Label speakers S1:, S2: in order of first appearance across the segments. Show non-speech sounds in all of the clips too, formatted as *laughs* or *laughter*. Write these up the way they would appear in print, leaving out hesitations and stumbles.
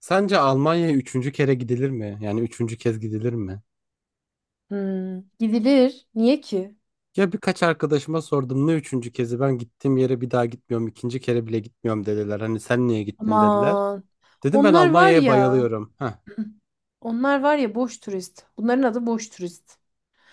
S1: Sence Almanya'ya üçüncü kere gidilir mi? Yani üçüncü kez gidilir mi?
S2: Hmm, gidilir. Niye ki?
S1: Ya birkaç arkadaşıma sordum, ne üçüncü kezi, ben gittiğim yere bir daha gitmiyorum, ikinci kere bile gitmiyorum dediler. Hani sen niye gittin dediler.
S2: Aman.
S1: Dedim ben
S2: Onlar var
S1: Almanya'ya
S2: ya.
S1: bayılıyorum. Heh.
S2: *clears throat* Onlar var ya boş turist. Bunların adı boş turist.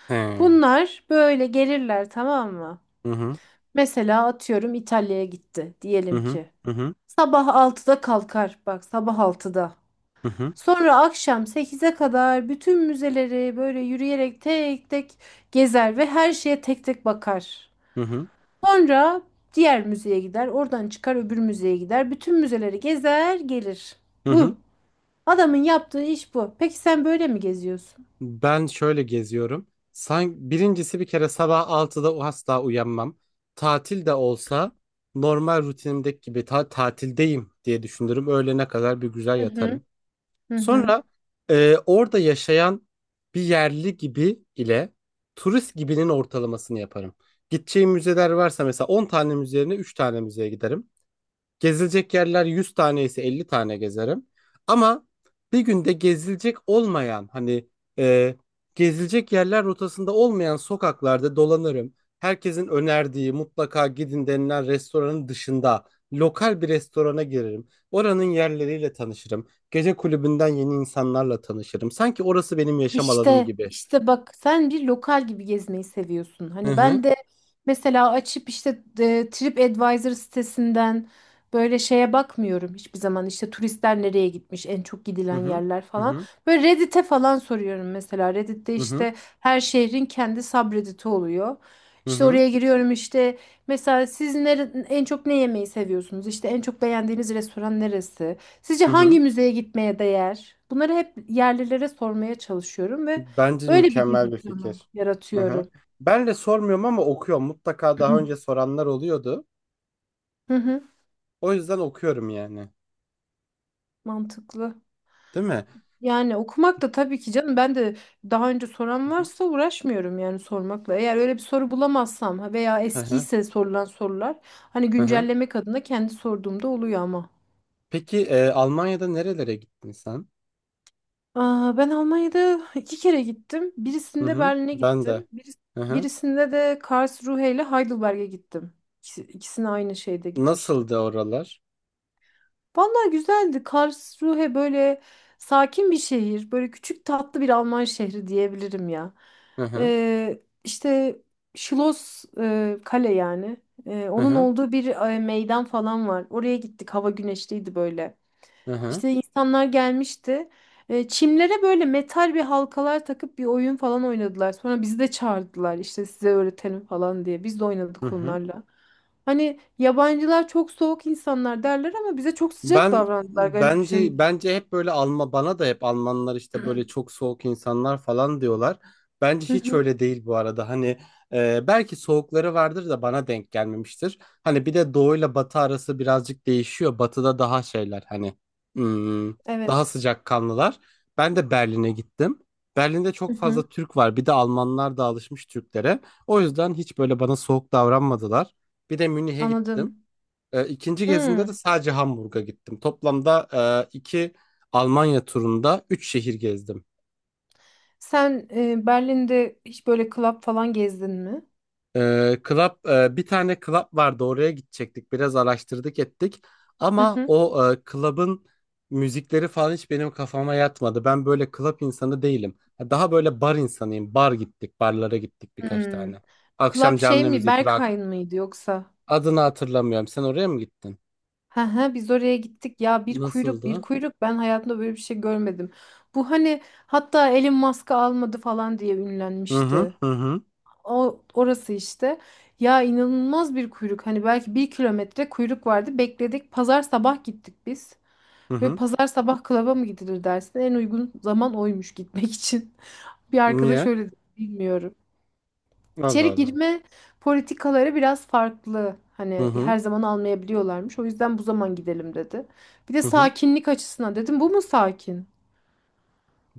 S1: He.
S2: Bunlar böyle gelirler, tamam mı?
S1: Hı hı.
S2: Mesela atıyorum İtalya'ya gitti
S1: Hı
S2: diyelim
S1: hı.
S2: ki.
S1: Hı hı.
S2: Sabah 6'da kalkar. Bak, sabah 6'da.
S1: Hı hı.
S2: Sonra akşam 8'e kadar bütün müzeleri böyle yürüyerek tek tek gezer ve her şeye tek tek bakar.
S1: Hı hı.
S2: Sonra diğer müzeye gider, oradan çıkar, öbür müzeye gider. Bütün müzeleri gezer, gelir.
S1: Hı hı.
S2: Bu. Adamın yaptığı iş bu. Peki sen böyle mi geziyorsun?
S1: Ben şöyle geziyorum. Sanki birincisi, bir kere sabah 6'da asla uyanmam. Tatil de olsa normal rutinimdeki gibi tatildeyim diye düşünürüm. Öğlene kadar bir güzel
S2: Hı hı.
S1: yatarım.
S2: Hı hı.
S1: Sonra orada yaşayan bir yerli gibi ile turist gibinin ortalamasını yaparım. Gideceğim müzeler varsa mesela 10 tane müze yerine 3 tane müzeye giderim. Gezilecek yerler 100 tane ise 50 tane gezerim. Ama bir günde gezilecek olmayan, hani e, gezilecek yerler rotasında olmayan sokaklarda dolanırım. Herkesin önerdiği, mutlaka gidin denilen restoranın dışında lokal bir restorana girerim. Oranın yerleriyle tanışırım. Gece kulübünden yeni insanlarla tanışırım. Sanki orası benim yaşam alanım
S2: İşte
S1: gibi.
S2: işte bak, sen bir lokal gibi gezmeyi seviyorsun. Hani
S1: Hı
S2: ben de mesela açıp işte TripAdvisor sitesinden böyle şeye bakmıyorum hiçbir zaman. İşte turistler nereye gitmiş, en çok
S1: hı
S2: gidilen yerler
S1: hı
S2: falan.
S1: hı
S2: Böyle Reddit'e falan soruyorum mesela. Reddit'te
S1: hı hı
S2: işte her şehrin kendi subreddit'i oluyor. İşte
S1: hı
S2: oraya giriyorum işte, mesela siz en çok ne yemeyi seviyorsunuz? İşte en çok beğendiğiniz restoran neresi? Sizce
S1: hı. Hı.
S2: hangi müzeye gitmeye değer? Bunları hep yerlilere sormaya çalışıyorum ve
S1: Bence
S2: öyle bir
S1: mükemmel
S2: gezi
S1: bir
S2: planı
S1: fikir. Hı hı.
S2: yaratıyorum.
S1: Ben de sormuyorum ama okuyorum. Mutlaka daha önce
S2: *clears throat*
S1: soranlar oluyordu.
S2: Hı hı,
S1: O yüzden okuyorum yani.
S2: mantıklı.
S1: Değil mi?
S2: Yani okumak da tabii ki canım, ben de daha önce
S1: Hı
S2: soran
S1: hı.
S2: varsa uğraşmıyorum yani sormakla. Eğer öyle bir soru bulamazsam ha, veya
S1: Hı hı.
S2: eskiyse sorulan sorular hani
S1: Hı hı.
S2: güncellemek adına kendi sorduğumda oluyor ama.
S1: Peki Almanya'da nerelere gittin sen?
S2: Aa, ben Almanya'da iki kere gittim.
S1: Hı
S2: Birisinde
S1: hı.
S2: Berlin'e
S1: Ben de.
S2: gittim.
S1: Hı hı.
S2: Birisinde de Karlsruhe ile Heidelberg'e gittim. İkisi, ikisine aynı şeyde gitmiştim.
S1: Nasıldı oralar?
S2: Vallahi güzeldi. Karlsruhe böyle sakin bir şehir. Böyle küçük tatlı bir Alman şehri diyebilirim ya.
S1: Hı hı.
S2: İşte Schloss, kale yani.
S1: Hı
S2: Onun
S1: hı.
S2: olduğu bir meydan falan var. Oraya gittik. Hava güneşliydi böyle.
S1: Hı hı.
S2: İşte insanlar gelmişti. Çimlere böyle metal bir halkalar takıp bir oyun falan oynadılar. Sonra bizi de çağırdılar, işte size öğretelim falan diye. Biz de
S1: Hı
S2: oynadık
S1: hı.
S2: onlarla. Hani yabancılar çok soğuk insanlar derler ama bize çok sıcak
S1: Ben
S2: davrandılar, garip bir
S1: bence
S2: şekilde.
S1: bence hep böyle Alman, bana da hep Almanlar işte böyle çok soğuk insanlar falan diyorlar. Bence
S2: Hı
S1: hiç
S2: hı,
S1: öyle değil bu arada. Hani belki soğukları vardır da bana denk gelmemiştir. Hani bir de doğuyla batı arası birazcık değişiyor. Batıda daha şeyler, hani hmm, daha
S2: evet.
S1: sıcakkanlılar. Ben de Berlin'e gittim. Berlin'de
S2: Hı
S1: çok
S2: hı,
S1: fazla Türk var. Bir de Almanlar da alışmış Türklere. O yüzden hiç böyle bana soğuk davranmadılar. Bir de Münih'e gittim.
S2: anladım.
S1: İkinci gezimde de
S2: Hmm.
S1: sadece Hamburg'a gittim. Toplamda iki Almanya turunda üç şehir gezdim.
S2: Sen Berlin'de hiç böyle club falan gezdin mi?
S1: Bir tane club vardı, oraya gidecektik. Biraz araştırdık ettik.
S2: Hı
S1: Ama
S2: hı.
S1: o club'ın müzikleri falan hiç benim kafama yatmadı. Ben böyle club insanı değilim. Daha böyle bar insanıyım. Barlara gittik birkaç
S2: Hmm.
S1: tane. Akşam
S2: Club şey
S1: canlı
S2: mi?
S1: müzik, rock.
S2: Berghain mıydı yoksa?
S1: Adını hatırlamıyorum. Sen oraya mı gittin?
S2: Hı hı, biz oraya gittik ya, bir kuyruk bir
S1: Nasıldı?
S2: kuyruk, ben hayatımda böyle bir şey görmedim. Bu hani hatta Elon Musk'ı almadı falan diye
S1: Hı hı
S2: ünlenmişti.
S1: hı hı.
S2: O orası işte. Ya inanılmaz bir kuyruk, hani belki bir kilometre kuyruk vardı, bekledik. Pazar sabah gittik biz.
S1: Hı
S2: Ve
S1: hı.
S2: pazar sabah klaba mı gidilir dersin? En uygun zaman oymuş gitmek için. *laughs* Bir arkadaş
S1: Niye?
S2: öyle dedi, bilmiyorum.
S1: Allah
S2: İçeri
S1: Allah.
S2: girme politikaları biraz farklı.
S1: Hı
S2: Hani
S1: hı.
S2: her zaman almayabiliyorlarmış. O yüzden bu zaman gidelim dedi. Bir de
S1: Hı hı.
S2: sakinlik açısından dedim, bu mu sakin?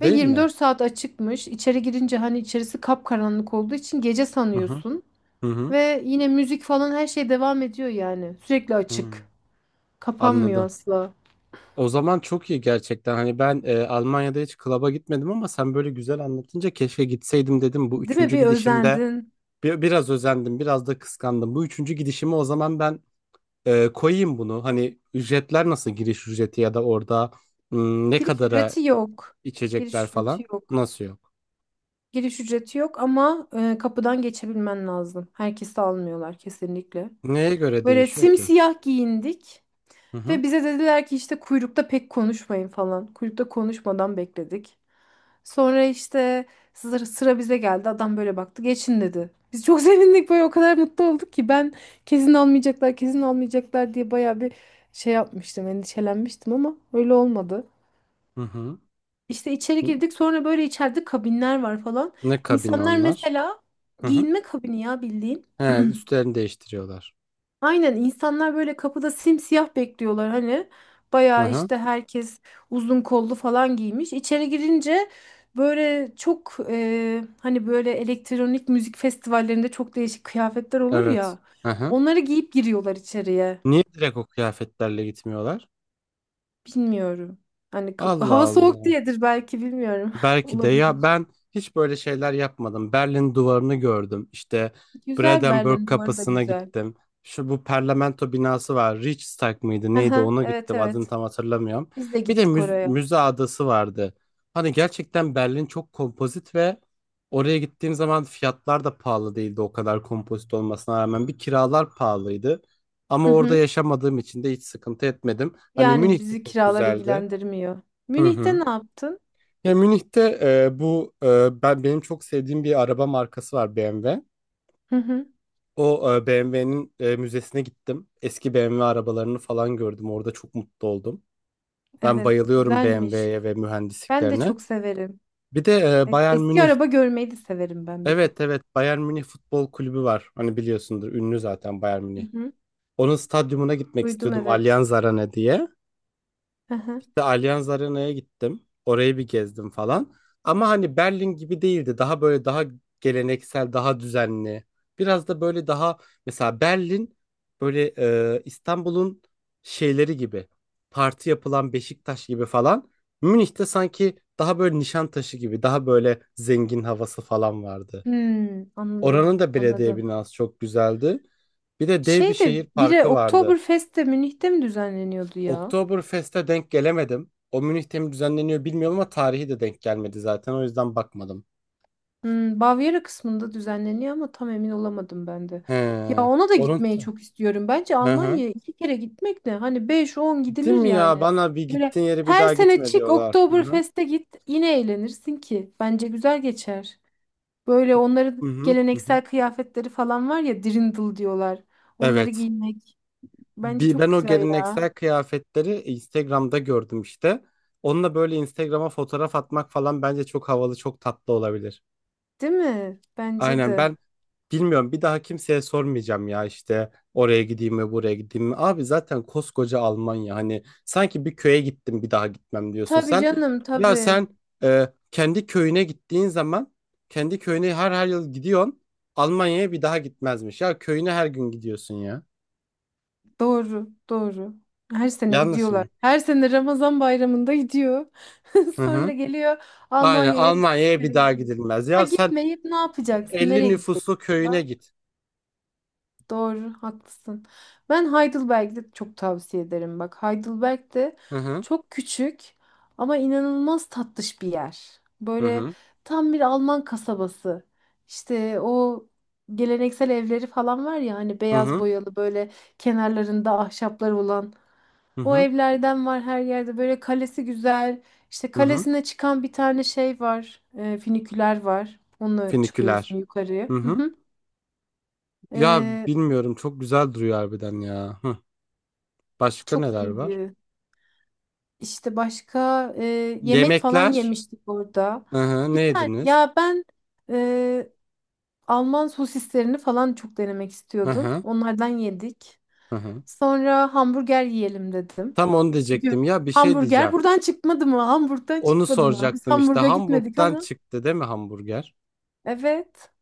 S2: Ve
S1: mi?
S2: 24 saat açıkmış. İçeri girince, hani içerisi kapkaranlık olduğu için, gece
S1: Hı hı.
S2: sanıyorsun.
S1: Hı hı.
S2: Ve yine müzik falan her şey devam ediyor yani. Sürekli
S1: Hı.
S2: açık. Kapanmıyor
S1: Anladım.
S2: asla.
S1: O zaman çok iyi gerçekten. Hani ben Almanya'da hiç klaba gitmedim ama sen böyle güzel anlatınca keşke gitseydim dedim. Bu
S2: Değil mi?
S1: üçüncü
S2: Bir
S1: gidişimde
S2: özendin.
S1: biraz özendim, biraz da kıskandım. Bu üçüncü gidişimi o zaman ben koyayım bunu. Hani ücretler nasıl, giriş ücreti ya da orada ne
S2: Giriş
S1: kadara
S2: ücreti yok.
S1: içecekler
S2: Giriş ücreti
S1: falan,
S2: yok.
S1: nasıl yok?
S2: Giriş ücreti yok ama kapıdan geçebilmen lazım. Herkesi almıyorlar kesinlikle.
S1: Neye göre
S2: Böyle
S1: değişiyor ki?
S2: simsiyah giyindik
S1: Hı hı.
S2: ve bize dediler ki işte kuyrukta pek konuşmayın falan. Kuyrukta konuşmadan bekledik. Sonra işte sıra bize geldi. Adam böyle baktı. Geçin dedi. Biz çok *laughs* sevindik, böyle o kadar mutlu olduk ki, ben kesin almayacaklar, kesin almayacaklar diye bayağı bir şey yapmıştım, endişelenmiştim ama öyle olmadı.
S1: Hı hı.
S2: İşte içeri
S1: N-
S2: girdik, sonra böyle içeride kabinler var falan.
S1: Ne kabini
S2: İnsanlar
S1: onlar?
S2: mesela
S1: Hı hı.
S2: giyinme kabini ya, bildiğin.
S1: He, üstlerini değiştiriyorlar.
S2: Aynen, insanlar böyle kapıda simsiyah bekliyorlar hani.
S1: Hı
S2: Bayağı
S1: hı.
S2: işte herkes uzun kollu falan giymiş. İçeri girince böyle çok, hani böyle elektronik müzik festivallerinde çok değişik kıyafetler olur
S1: Evet.
S2: ya.
S1: Hı hı.
S2: Onları giyip giriyorlar içeriye.
S1: Niye direkt o kıyafetlerle gitmiyorlar?
S2: Bilmiyorum. Hani hava
S1: Allah
S2: soğuk
S1: Allah.
S2: diyedir belki, bilmiyorum. *laughs*
S1: Belki de, ya,
S2: Olabilir.
S1: ben hiç böyle şeyler yapmadım. Berlin duvarını gördüm. İşte
S2: Güzel,
S1: Brandenburg
S2: Berlin duvarı da
S1: kapısına
S2: güzel.
S1: gittim. Şu bu parlamento binası var. Reichstag mıydı neydi,
S2: Aha,
S1: ona
S2: evet
S1: gittim. Adını
S2: evet.
S1: tam hatırlamıyorum.
S2: Biz de
S1: Bir de
S2: gittik oraya.
S1: müze adası vardı. Hani gerçekten Berlin çok kompozit ve oraya gittiğim zaman fiyatlar da pahalı değildi o kadar kompozit olmasına rağmen. Bir kiralar pahalıydı. Ama
S2: Hı
S1: orada
S2: hı.
S1: yaşamadığım için de hiç sıkıntı etmedim. Hani
S2: Yani
S1: Münih de
S2: bizi
S1: çok
S2: kiralar
S1: güzeldi.
S2: ilgilendirmiyor.
S1: Hı
S2: Münih'te
S1: hı.
S2: ne yaptın?
S1: Ya Münih'te bu benim çok sevdiğim bir araba markası var, BMW.
S2: Hı hı.
S1: O BMW'nin müzesine gittim. Eski BMW arabalarını falan gördüm. Orada çok mutlu oldum. Ben
S2: Evet,
S1: bayılıyorum
S2: güzelmiş.
S1: BMW'ye ve
S2: Ben de
S1: mühendisliklerine.
S2: çok severim.
S1: Bir de Bayern
S2: Eski
S1: Münih.
S2: araba görmeyi de severim ben, bir de.
S1: Evet evet, Bayern Münih Futbol Kulübü var. Hani biliyorsundur, ünlü zaten Bayern Münih.
S2: Hı hı.
S1: Onun stadyumuna gitmek
S2: Duydum,
S1: istiyordum,
S2: evet.
S1: Allianz Arena diye.
S2: Hı hı.
S1: İşte Allianz Arena'ya gittim. Orayı bir gezdim falan. Ama hani Berlin gibi değildi. Daha böyle daha geleneksel, daha düzenli. Biraz da böyle daha, mesela Berlin böyle İstanbul'un şeyleri gibi. Parti yapılan Beşiktaş gibi falan. Münih'te sanki daha böyle Nişantaşı gibi, daha böyle zengin havası falan vardı.
S2: Hmm, anladım,
S1: Oranın da belediye
S2: anladım.
S1: binası çok güzeldi. Bir de dev bir
S2: Şey, de
S1: şehir
S2: biri
S1: parkı vardı.
S2: Oktoberfest de Münih'te mi düzenleniyordu ya?
S1: Oktoberfest'e denk gelemedim. O Münih'te mi düzenleniyor bilmiyorum ama tarihi de denk gelmedi zaten. O yüzden bakmadım.
S2: Bavyera kısmında düzenleniyor ama tam emin olamadım ben de. Ya
S1: He.
S2: ona da gitmeyi çok istiyorum. Bence
S1: Hı hı.
S2: Almanya'ya iki kere gitmek de, hani beş on
S1: Değil
S2: gidilir
S1: mi ya?
S2: yani.
S1: Bana bir
S2: Böyle
S1: gittiğin yere bir
S2: her
S1: daha
S2: sene
S1: gitme
S2: çık
S1: diyorlar. Hı hı.
S2: Oktoberfest'e git, yine eğlenirsin ki. Bence güzel geçer. Böyle onların
S1: Hı hı. Hı hı.
S2: geleneksel kıyafetleri falan var ya, dirndl diyorlar. Onları
S1: Evet.
S2: giymek bence çok
S1: Ben o
S2: güzel
S1: geleneksel
S2: ya.
S1: kıyafetleri Instagram'da gördüm işte. Onunla böyle Instagram'a fotoğraf atmak falan bence çok havalı, çok tatlı olabilir.
S2: Değil mi? Bence
S1: Aynen.
S2: de.
S1: Bilmiyorum, bir daha kimseye sormayacağım ya, işte oraya gideyim mi, buraya gideyim mi. Abi zaten koskoca Almanya, hani sanki bir köye gittim bir daha gitmem diyorsun
S2: Tabii
S1: sen.
S2: canım,
S1: Ya
S2: tabii.
S1: sen kendi köyüne gittiğin zaman kendi köyüne her yıl gidiyorsun. Almanya'ya bir daha gitmezmiş. Ya köyüne her gün gidiyorsun ya.
S2: Doğru, doğru. Her sene
S1: Yanlış
S2: gidiyorlar.
S1: mı?
S2: Her sene Ramazan bayramında gidiyor. *laughs*
S1: Hı hı.
S2: Sonra geliyor
S1: Aynen,
S2: Almanya'ya, hiçbir
S1: Almanya'ya bir
S2: yere
S1: daha
S2: gidiyor.
S1: gidilmez.
S2: Ha,
S1: Ya sen
S2: gitmeyip ne yapacaksın?
S1: 50
S2: Nereye
S1: nüfuslu
S2: gideceksin?
S1: köyüne
S2: Ha,
S1: git.
S2: doğru, haklısın. Ben Heidelberg'de çok tavsiye ederim. Bak, Heidelberg de
S1: Hı hı.
S2: çok küçük ama inanılmaz tatlış bir yer.
S1: Hı
S2: Böyle
S1: hı.
S2: tam bir Alman kasabası. İşte o geleneksel evleri falan var ya hani,
S1: Hı
S2: beyaz
S1: hı.
S2: boyalı, böyle kenarlarında ahşaplar olan
S1: Hı
S2: o
S1: hı.
S2: evlerden var her yerde. Böyle kalesi güzel. İşte
S1: Hı hı.
S2: kalesine çıkan bir tane şey var. Füniküler var. Onunla çıkıyorsun
S1: Finiküler.
S2: yukarıya.
S1: Hı
S2: Hı
S1: hı.
S2: hı.
S1: Ya
S2: E,
S1: bilmiyorum, çok güzel duruyor harbiden ya. Hı. Başka
S2: çok
S1: neler var?
S2: iyiydi. İşte başka, yemek falan
S1: Yemekler.
S2: yemiştik orada.
S1: Hı hı,
S2: Bir
S1: ne
S2: tane,
S1: yediniz?
S2: ya ben e, Alman sosislerini falan çok denemek
S1: Hı
S2: istiyordum.
S1: hı,
S2: Onlardan yedik.
S1: hı hı.
S2: Sonra hamburger yiyelim dedim.
S1: Tam onu
S2: Bugün
S1: diyecektim, ya bir şey diyeceğim.
S2: Hamburger buradan çıkmadı mı? Hamburg'dan
S1: Onu
S2: çıkmadı mı? Biz
S1: soracaktım işte,
S2: Hamburg'a gitmedik
S1: Hamburg'dan
S2: ama.
S1: çıktı değil mi hamburger?
S2: Evet.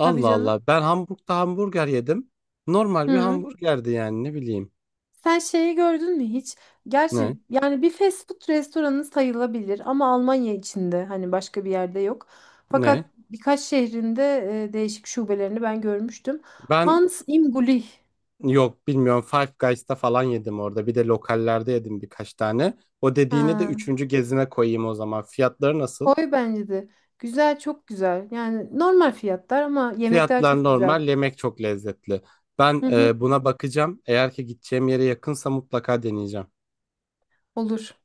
S2: Tabii canım.
S1: Allah, ben Hamburg'da hamburger yedim. Normal bir
S2: Hı.
S1: hamburgerdi yani, ne bileyim.
S2: Sen şeyi gördün mü hiç?
S1: Ne?
S2: Gerçi yani bir fast food restoranı sayılabilir ama Almanya içinde hani başka bir yerde yok.
S1: Ne?
S2: Fakat birkaç şehrinde değişik şubelerini ben görmüştüm.
S1: Ben
S2: Hans im Gully.
S1: yok bilmiyorum, Five Guys'ta falan yedim orada. Bir de lokallerde yedim birkaç tane. O dediğini de
S2: Ha,
S1: üçüncü gezime koyayım o zaman. Fiyatları nasıl?
S2: koy bence de. Güzel, çok güzel. Yani normal fiyatlar ama yemekler
S1: Fiyatlar
S2: çok güzel.
S1: normal, yemek çok lezzetli. Ben
S2: Hı hı,
S1: buna bakacağım. Eğer ki gideceğim yere yakınsa mutlaka deneyeceğim.
S2: olur.